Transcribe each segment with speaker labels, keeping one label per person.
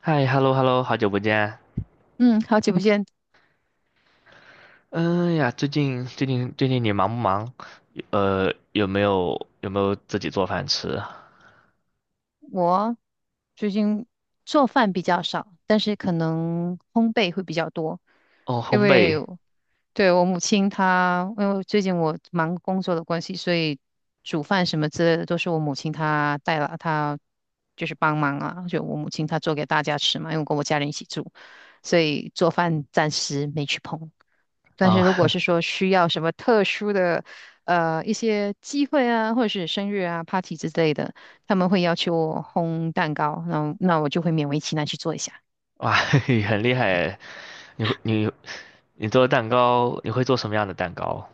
Speaker 1: 嗨，hello hello，好久不见。
Speaker 2: 嗯，好久不见。
Speaker 1: 嗯呀，最近你忙不忙？有没有自己做饭吃？
Speaker 2: 我最近做饭比较少，但是可能烘焙会比较多，
Speaker 1: 哦，
Speaker 2: 因
Speaker 1: 烘
Speaker 2: 为
Speaker 1: 焙
Speaker 2: 对我母亲她，因为最近我忙工作的关系，所以煮饭什么之类的都是我母亲她带了，她就是帮忙啊，就我母亲她做给大家吃嘛，因为我跟我家人一起住，所以做饭暂时没去碰。但是
Speaker 1: 啊，
Speaker 2: 如果是 说需要什么特殊的，一些机会啊，或者是生日啊、party 之类的，他们会要求我烘蛋糕，那我就会勉为其难去做一下。
Speaker 1: 哇，很厉害。你会你你做蛋糕，你会做什么样的蛋糕？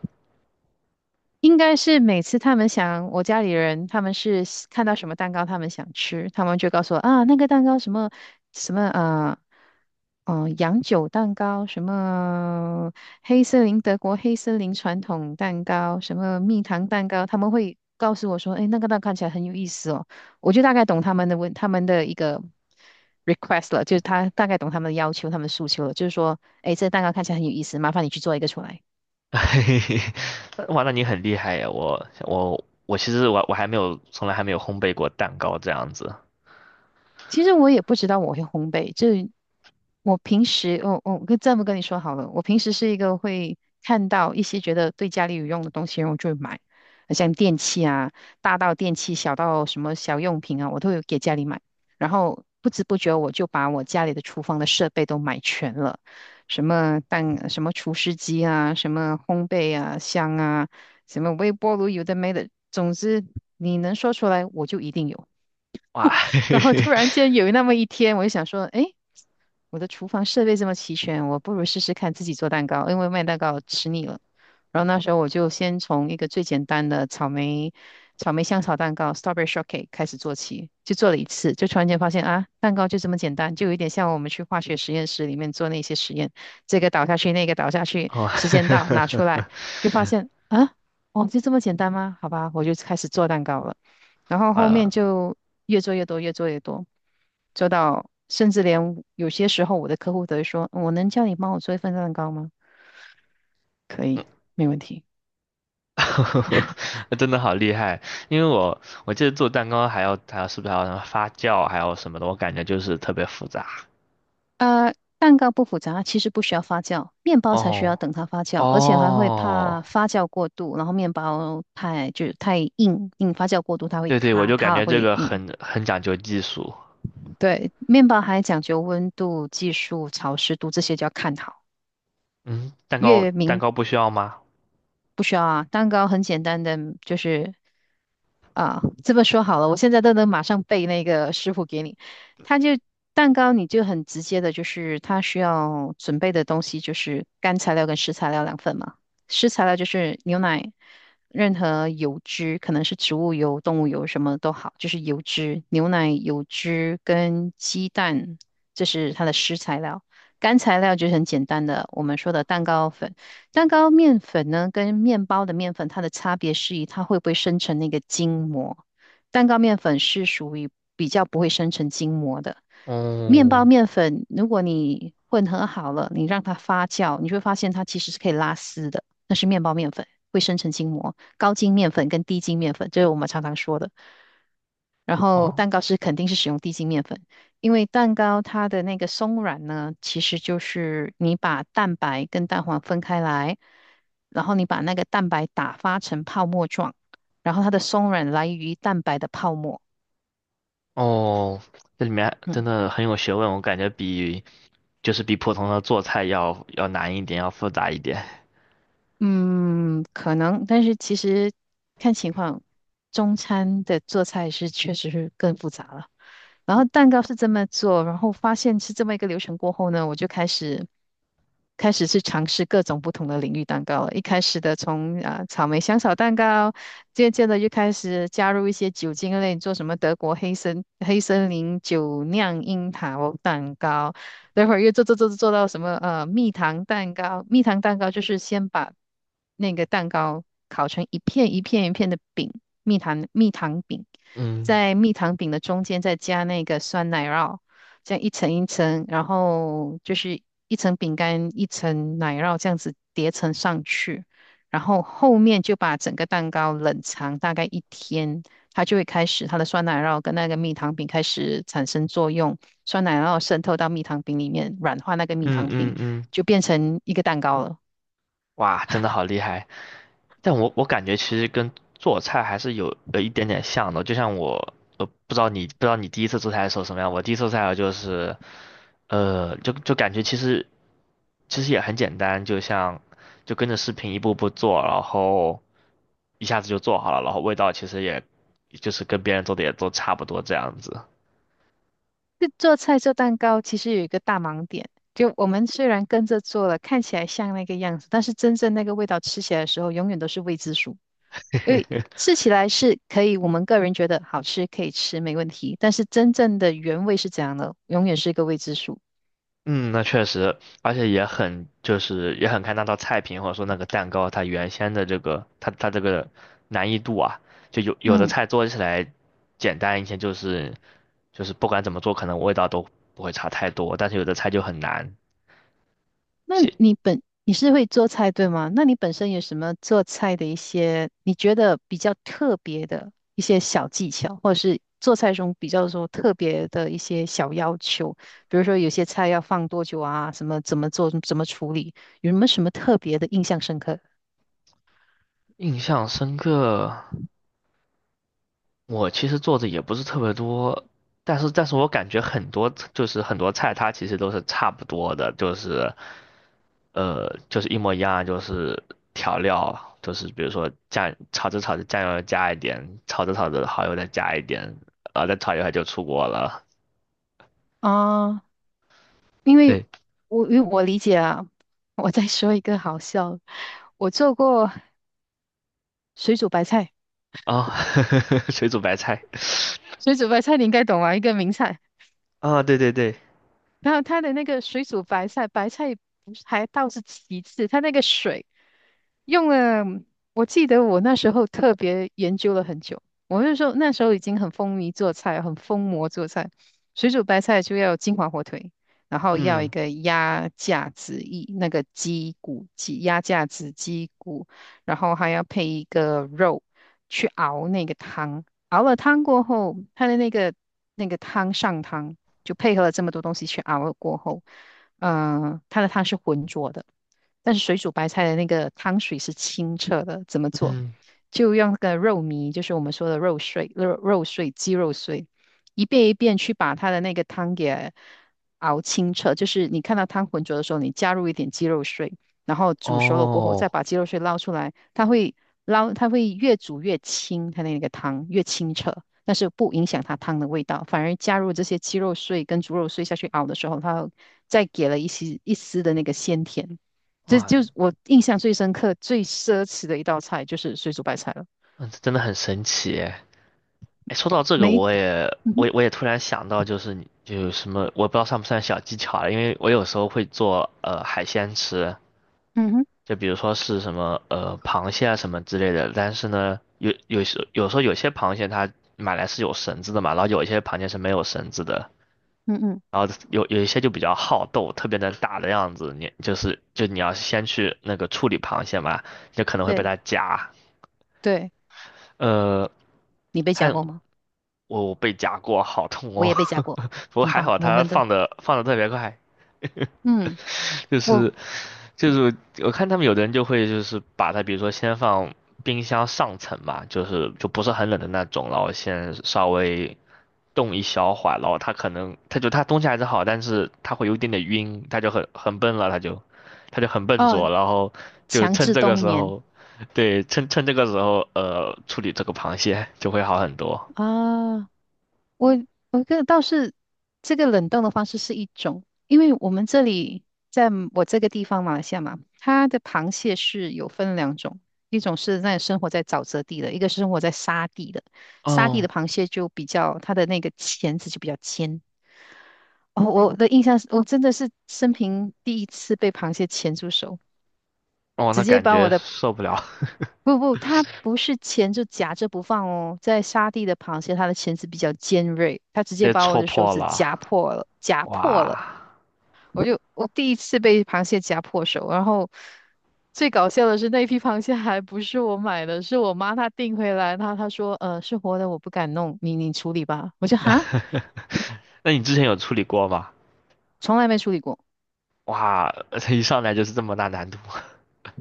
Speaker 2: 应该是每次他们想，我家里人他们是喜看到什么蛋糕他们想吃，他们就告诉我啊，那个蛋糕什么什么啊，洋酒蛋糕，什么黑森林德国黑森林传统蛋糕，什么蜜糖蛋糕，他们会告诉我说，哎，那个蛋看起来很有意思哦，我就大概懂他们的问他们的一个 request 了，就是他大概懂他们的要求，他们的诉求了，就是说，哎，这个蛋糕看起来很有意思，麻烦你去做一个出来。
Speaker 1: 嘿嘿嘿，哇，那你很厉害呀！我其实我还没有从来还没有烘焙过蛋糕这样子。
Speaker 2: 其实我也不知道我会烘焙，这我平时，我跟这么跟你说好了，我平时是一个会看到一些觉得对家里有用的东西，然后我就会买，像电器啊，大到电器，小到什么小用品啊，我都有给家里买。然后不知不觉我就把我家里的厨房的设备都买全了，什么蛋，什么厨师机啊，什么烘焙啊，箱啊，什么微波炉，有的没的，总之你能说出来，我就一定有。
Speaker 1: 哇，嘿嘿
Speaker 2: 然后
Speaker 1: 嘿，
Speaker 2: 突然间有那么一天，我就想说，哎，我的厨房设备这么齐全，我不如试试看自己做蛋糕，因为卖蛋糕吃腻了。然后那时候我就先从一个最简单的草莓草莓香草蛋糕 （strawberry shortcake） 开始做起，就做了一次，就突然间发现啊，蛋糕就这么简单，就有一点像我们去化学实验室里面做那些实验，这个倒下去，那个倒下去，
Speaker 1: 哦，
Speaker 2: 时间到拿出来，就发现啊，哦，就这么简单吗？好吧，我就开始做蛋糕了。然后后面
Speaker 1: 啊，
Speaker 2: 就越做越多，越做越多，做到甚至连有些时候我的客户都会说：“我能叫你帮我做一份蛋糕吗？”可以，没问题。
Speaker 1: 真的好厉害，因为我记得做蛋糕还要还要是不是还要什么发酵，还有什么的，我感觉就是特别复杂。
Speaker 2: 蛋糕不复杂，其实不需要发酵，面包才需要
Speaker 1: 哦
Speaker 2: 等它发酵，而且还会怕
Speaker 1: 哦，
Speaker 2: 发酵过度，然后面包太就是太硬，硬发酵过度它会
Speaker 1: 对对，我
Speaker 2: 塌，
Speaker 1: 就感
Speaker 2: 塌了
Speaker 1: 觉这
Speaker 2: 会
Speaker 1: 个
Speaker 2: 硬。
Speaker 1: 很讲究技术。
Speaker 2: 对，面包还讲究温度、技术、潮湿度这些就要看好，
Speaker 1: 嗯，蛋糕
Speaker 2: 越
Speaker 1: 蛋
Speaker 2: 明
Speaker 1: 糕不需要吗？
Speaker 2: 不需要啊，蛋糕很简单的，就是啊，这么说好了，我现在都能马上背那个师傅给你。他就蛋糕，你就很直接的，就是他需要准备的东西就是干材料跟湿材料两份嘛。湿材料就是牛奶，任何油脂，可能是植物油、动物油什么都好，就是油脂、牛奶、油脂跟鸡蛋，这是它的湿材料。干材料就是很简单的，我们说的蛋糕粉。蛋糕面粉呢，跟面包的面粉它的差别是于它会不会生成那个筋膜。蛋糕面粉是属于比较不会生成筋膜的。面包
Speaker 1: 哦
Speaker 2: 面粉，如果你混合好了，你让它发酵，你就会发现它其实是可以拉丝的，那是面包面粉，会生成筋膜。高筋面粉跟低筋面粉，这是我们常常说的。然后
Speaker 1: 哦
Speaker 2: 蛋糕是肯定是使用低筋面粉，因为蛋糕它的那个松软呢，其实就是你把蛋白跟蛋黄分开来，然后你把那个蛋白打发成泡沫状，然后它的松软来源于蛋白的泡沫。
Speaker 1: 哦，这里面真
Speaker 2: 嗯。
Speaker 1: 的很有学问，我感觉比就是比普通的做菜要难一点，要复杂一点。
Speaker 2: 嗯，可能，但是其实看情况，中餐的做菜是确实是更复杂了。然后蛋糕是这么做，然后发现是这么一个流程过后呢，我就开始开始去尝试各种不同的领域蛋糕了。一开始的从啊、草莓香草蛋糕，渐渐的就开始加入一些酒精类，做什么德国黑森黑森林酒酿樱桃蛋糕，待会儿又做到什么蜜糖蛋糕，蜜糖蛋糕就是先把那个蛋糕烤成一片一片一片的饼，蜜糖蜜糖饼，
Speaker 1: 嗯
Speaker 2: 在蜜糖饼的中间再加那个酸奶酪，这样一层一层，然后就是一层饼干一层奶酪这样子叠层上去，然后后面就把整个蛋糕冷藏大概一天，它就会开始它的酸奶酪跟那个蜜糖饼开始产生作用。酸奶，然后渗透到蜜糖饼里面，软化那个蜜
Speaker 1: 嗯
Speaker 2: 糖
Speaker 1: 嗯
Speaker 2: 饼，
Speaker 1: 嗯，
Speaker 2: 就变成一个蛋糕了。
Speaker 1: 哇，真的好厉害。但我感觉其实跟做菜还是有一点点像的，就像我呃不知道你第一次做菜的时候什么样，我第一次做菜就是呃就就感觉其实也很简单，就跟着视频一步步做，然后一下子就做好了，然后味道其实也就是跟别人做的也都差不多这样子。
Speaker 2: 这做菜做蛋糕其实有一个大盲点，就我们虽然跟着做了，看起来像那个样子，但是真正那个味道吃起来的时候，永远都是未知数。因为吃起来是可以，我们个人觉得好吃，可以吃，没问题，但是真正的原味是怎样的，永远是一个未知数。
Speaker 1: 嗯，那确实，而且也很看那道菜品或者说那个蛋糕它原先的这个它这个难易度啊，就有的
Speaker 2: 嗯。
Speaker 1: 菜做起来简单一些，就是不管怎么做，可能味道都不会差太多，但是有的菜就很难。
Speaker 2: 那
Speaker 1: 记
Speaker 2: 你本你是会做菜对吗？那你本身有什么做菜的一些你觉得比较特别的一些小技巧，或者做菜中比较说特别的一些小要求？比如说有些菜要放多久啊，什么怎么做，怎么处理，有没有什么特别的印象深刻？
Speaker 1: 印象深刻，我其实做的也不是特别多，但是我感觉很多菜它其实都是差不多的，就是。就是一模一样，就是调料，就是比如说酱，炒着炒着酱油加一点，炒着炒着蚝油再加一点，啊，再炒一会儿就出锅了。
Speaker 2: 啊，因为
Speaker 1: 对，
Speaker 2: 我因为我理解啊，我再说一个好笑的我做过水煮白菜，
Speaker 1: 啊、水煮白菜
Speaker 2: 水煮白菜你应该懂啊，一个名菜。
Speaker 1: 啊，对对对，
Speaker 2: 然后它的那个水煮白菜，白菜不是还倒是其次，它那个水用了，我记得我那时候特别研究了很久。我那时候那时候已经很风靡做菜，很疯魔做菜。水煮白菜就要金华火腿，然后要一
Speaker 1: 嗯
Speaker 2: 个鸭架子一那个鸡骨鸡鸭架子鸡骨，然后还要配一个肉去熬那个汤。熬了汤过后，它的那个那个汤上汤。就配合了这么多东西去熬了过后，它的汤是浑浊的，但是水煮白菜的那个汤水是清澈的。怎么做？
Speaker 1: 嗯，
Speaker 2: 就用那个肉糜，就是我们说的肉碎、肉肉碎、鸡肉碎，一遍一遍去把它的那个汤给熬清澈。就是你看到汤浑浊的时候，你加入一点鸡肉碎，然后煮熟了过后，再
Speaker 1: 哦，
Speaker 2: 把鸡肉碎捞出来，它会捞，它会越煮越清，它那个汤越清澈。但是不影响它汤的味道，反而加入这些鸡肉碎跟猪肉碎下去熬的时候，它再给了一丝一丝的那个鲜甜。这
Speaker 1: 哇，
Speaker 2: 就是我印象最深刻、最奢侈的一道菜，就是水煮白菜了。
Speaker 1: 嗯这真的很神奇耶！哎，说到这个，
Speaker 2: 没，
Speaker 1: 我也
Speaker 2: 嗯
Speaker 1: 我
Speaker 2: 哼，
Speaker 1: 也我也突然想到，就是你就有什么，我不知道算不算小技巧了，因为我有时候会做海鲜吃。
Speaker 2: 嗯哼，
Speaker 1: 就比如说是什么螃蟹啊什么之类的，但是呢，有时候有些螃蟹它买来是有绳子的嘛，然后有一些螃蟹是没有绳子的，
Speaker 2: 嗯嗯，
Speaker 1: 然后有一些就比较好斗，特别能打的样子，你就是就你要先去那个处理螃蟹嘛，就可能会被
Speaker 2: 对
Speaker 1: 它夹，
Speaker 2: 对，
Speaker 1: 呃，
Speaker 2: 你被夹
Speaker 1: 看
Speaker 2: 过吗？
Speaker 1: 我被夹过，好痛
Speaker 2: 我
Speaker 1: 哦，
Speaker 2: 也被夹过，
Speaker 1: 不过
Speaker 2: 很
Speaker 1: 还
Speaker 2: 棒，
Speaker 1: 好
Speaker 2: 我
Speaker 1: 它
Speaker 2: 们都，
Speaker 1: 放的特别快，
Speaker 2: 嗯，
Speaker 1: 就
Speaker 2: 我
Speaker 1: 是就是我看他们有的人就会就是把它，比如说先放冰箱上层嘛，就是就不是很冷的那种，然后先稍微冻一小会儿，然后它可能它就它东西还是好，但是它会有一点点晕，它就很笨了，它就很笨
Speaker 2: 哦，
Speaker 1: 拙，然后就
Speaker 2: 强
Speaker 1: 趁
Speaker 2: 制
Speaker 1: 这个
Speaker 2: 冬
Speaker 1: 时
Speaker 2: 眠
Speaker 1: 候，对，趁这个时候处理这个螃蟹就会好很多。
Speaker 2: 啊。我我个倒是这个冷冻的方式是一种，因为我们这里在我这个地方马来西亚嘛，它的螃蟹是有分两种，一种是那生活在沼泽地的，一个是生活在沙地的。沙地
Speaker 1: 哦
Speaker 2: 的螃蟹就比较它的那个钳子就比较尖。哦，我的印象是我真的是生平第一次被螃蟹钳住手，
Speaker 1: 哦，
Speaker 2: 直
Speaker 1: 那
Speaker 2: 接
Speaker 1: 感
Speaker 2: 把我
Speaker 1: 觉
Speaker 2: 的
Speaker 1: 受不了，
Speaker 2: 不不，它不是钳就夹着不放哦，在沙地的螃蟹，它的钳子比较尖锐，它直 接
Speaker 1: 被
Speaker 2: 把我
Speaker 1: 戳
Speaker 2: 的手
Speaker 1: 破
Speaker 2: 指
Speaker 1: 了，
Speaker 2: 夹破了，夹破了。
Speaker 1: 哇！
Speaker 2: 我就我第一次被螃蟹夹破手，然后最搞笑的是那批螃蟹还不是我买的，是我妈她订回来，她说是活的，我不敢弄，你你处理吧。我就哈，
Speaker 1: 那你之前有处理过吗？
Speaker 2: 从来没处理过。
Speaker 1: 哇，一上来就是这么大难度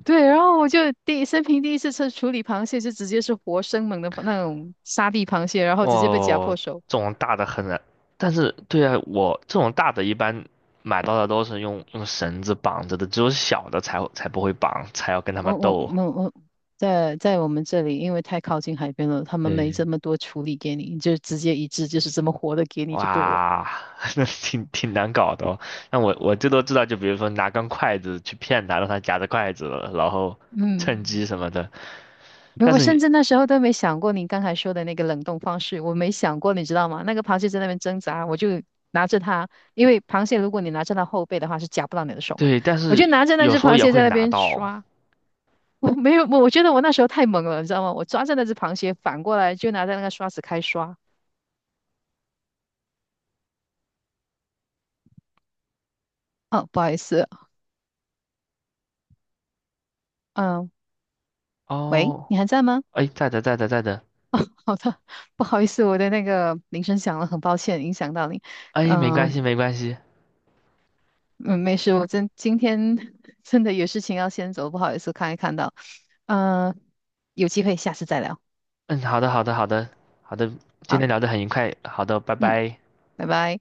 Speaker 2: 对，然后我就第生平第一次处处理螃蟹，就直接是活生猛的那种沙地螃蟹，然后直接被夹
Speaker 1: 哦，
Speaker 2: 破手。
Speaker 1: 这种大的很难。但是，对啊，我这种大的一般买到的都是用绳子绑着的，只有小的才不会绑，才要跟他们
Speaker 2: 我我
Speaker 1: 斗。
Speaker 2: 我我在在我们这里，因为太靠近海边了，他们没这
Speaker 1: 对，
Speaker 2: 么多处理给你，就直接一只就是这么活的给你就对了。
Speaker 1: 哇，那挺难搞的哦。那我最多知道，就比如说拿根筷子去骗他，让他夹着筷子，然后
Speaker 2: 嗯，
Speaker 1: 趁机什么的。但
Speaker 2: 我
Speaker 1: 是
Speaker 2: 甚
Speaker 1: 你
Speaker 2: 至那时候都没想过你刚才说的那个冷冻方式，我没想过，你知道吗？那个螃蟹在那边挣扎，我就拿着它，因为螃蟹如果你拿着它后背的话是夹不到你的手嘛，
Speaker 1: 对，但
Speaker 2: 我
Speaker 1: 是
Speaker 2: 就拿着那
Speaker 1: 有
Speaker 2: 只
Speaker 1: 时候
Speaker 2: 螃
Speaker 1: 也
Speaker 2: 蟹
Speaker 1: 会
Speaker 2: 在那
Speaker 1: 拿
Speaker 2: 边
Speaker 1: 到
Speaker 2: 刷，我没有，我我觉得我那时候太猛了，你知道吗？我抓着那只螃蟹反过来就拿着那个刷子开刷。哦，不好意思，嗯，喂，
Speaker 1: 哦。
Speaker 2: 你还在吗？
Speaker 1: 哎，在的在的在的，
Speaker 2: 好的，不好意思，我的那个铃声响了，很抱歉影响到你。
Speaker 1: 哎，没
Speaker 2: 呃
Speaker 1: 关系没关系。
Speaker 2: 嗯、没事，我真今天 真的有事情要先走，不好意思，看一看到。呃，有机会下次再聊。
Speaker 1: 嗯，好的，好的，好的，好的，今
Speaker 2: 好，
Speaker 1: 天聊得很愉快，好的，拜
Speaker 2: 嗯，
Speaker 1: 拜。
Speaker 2: 拜拜。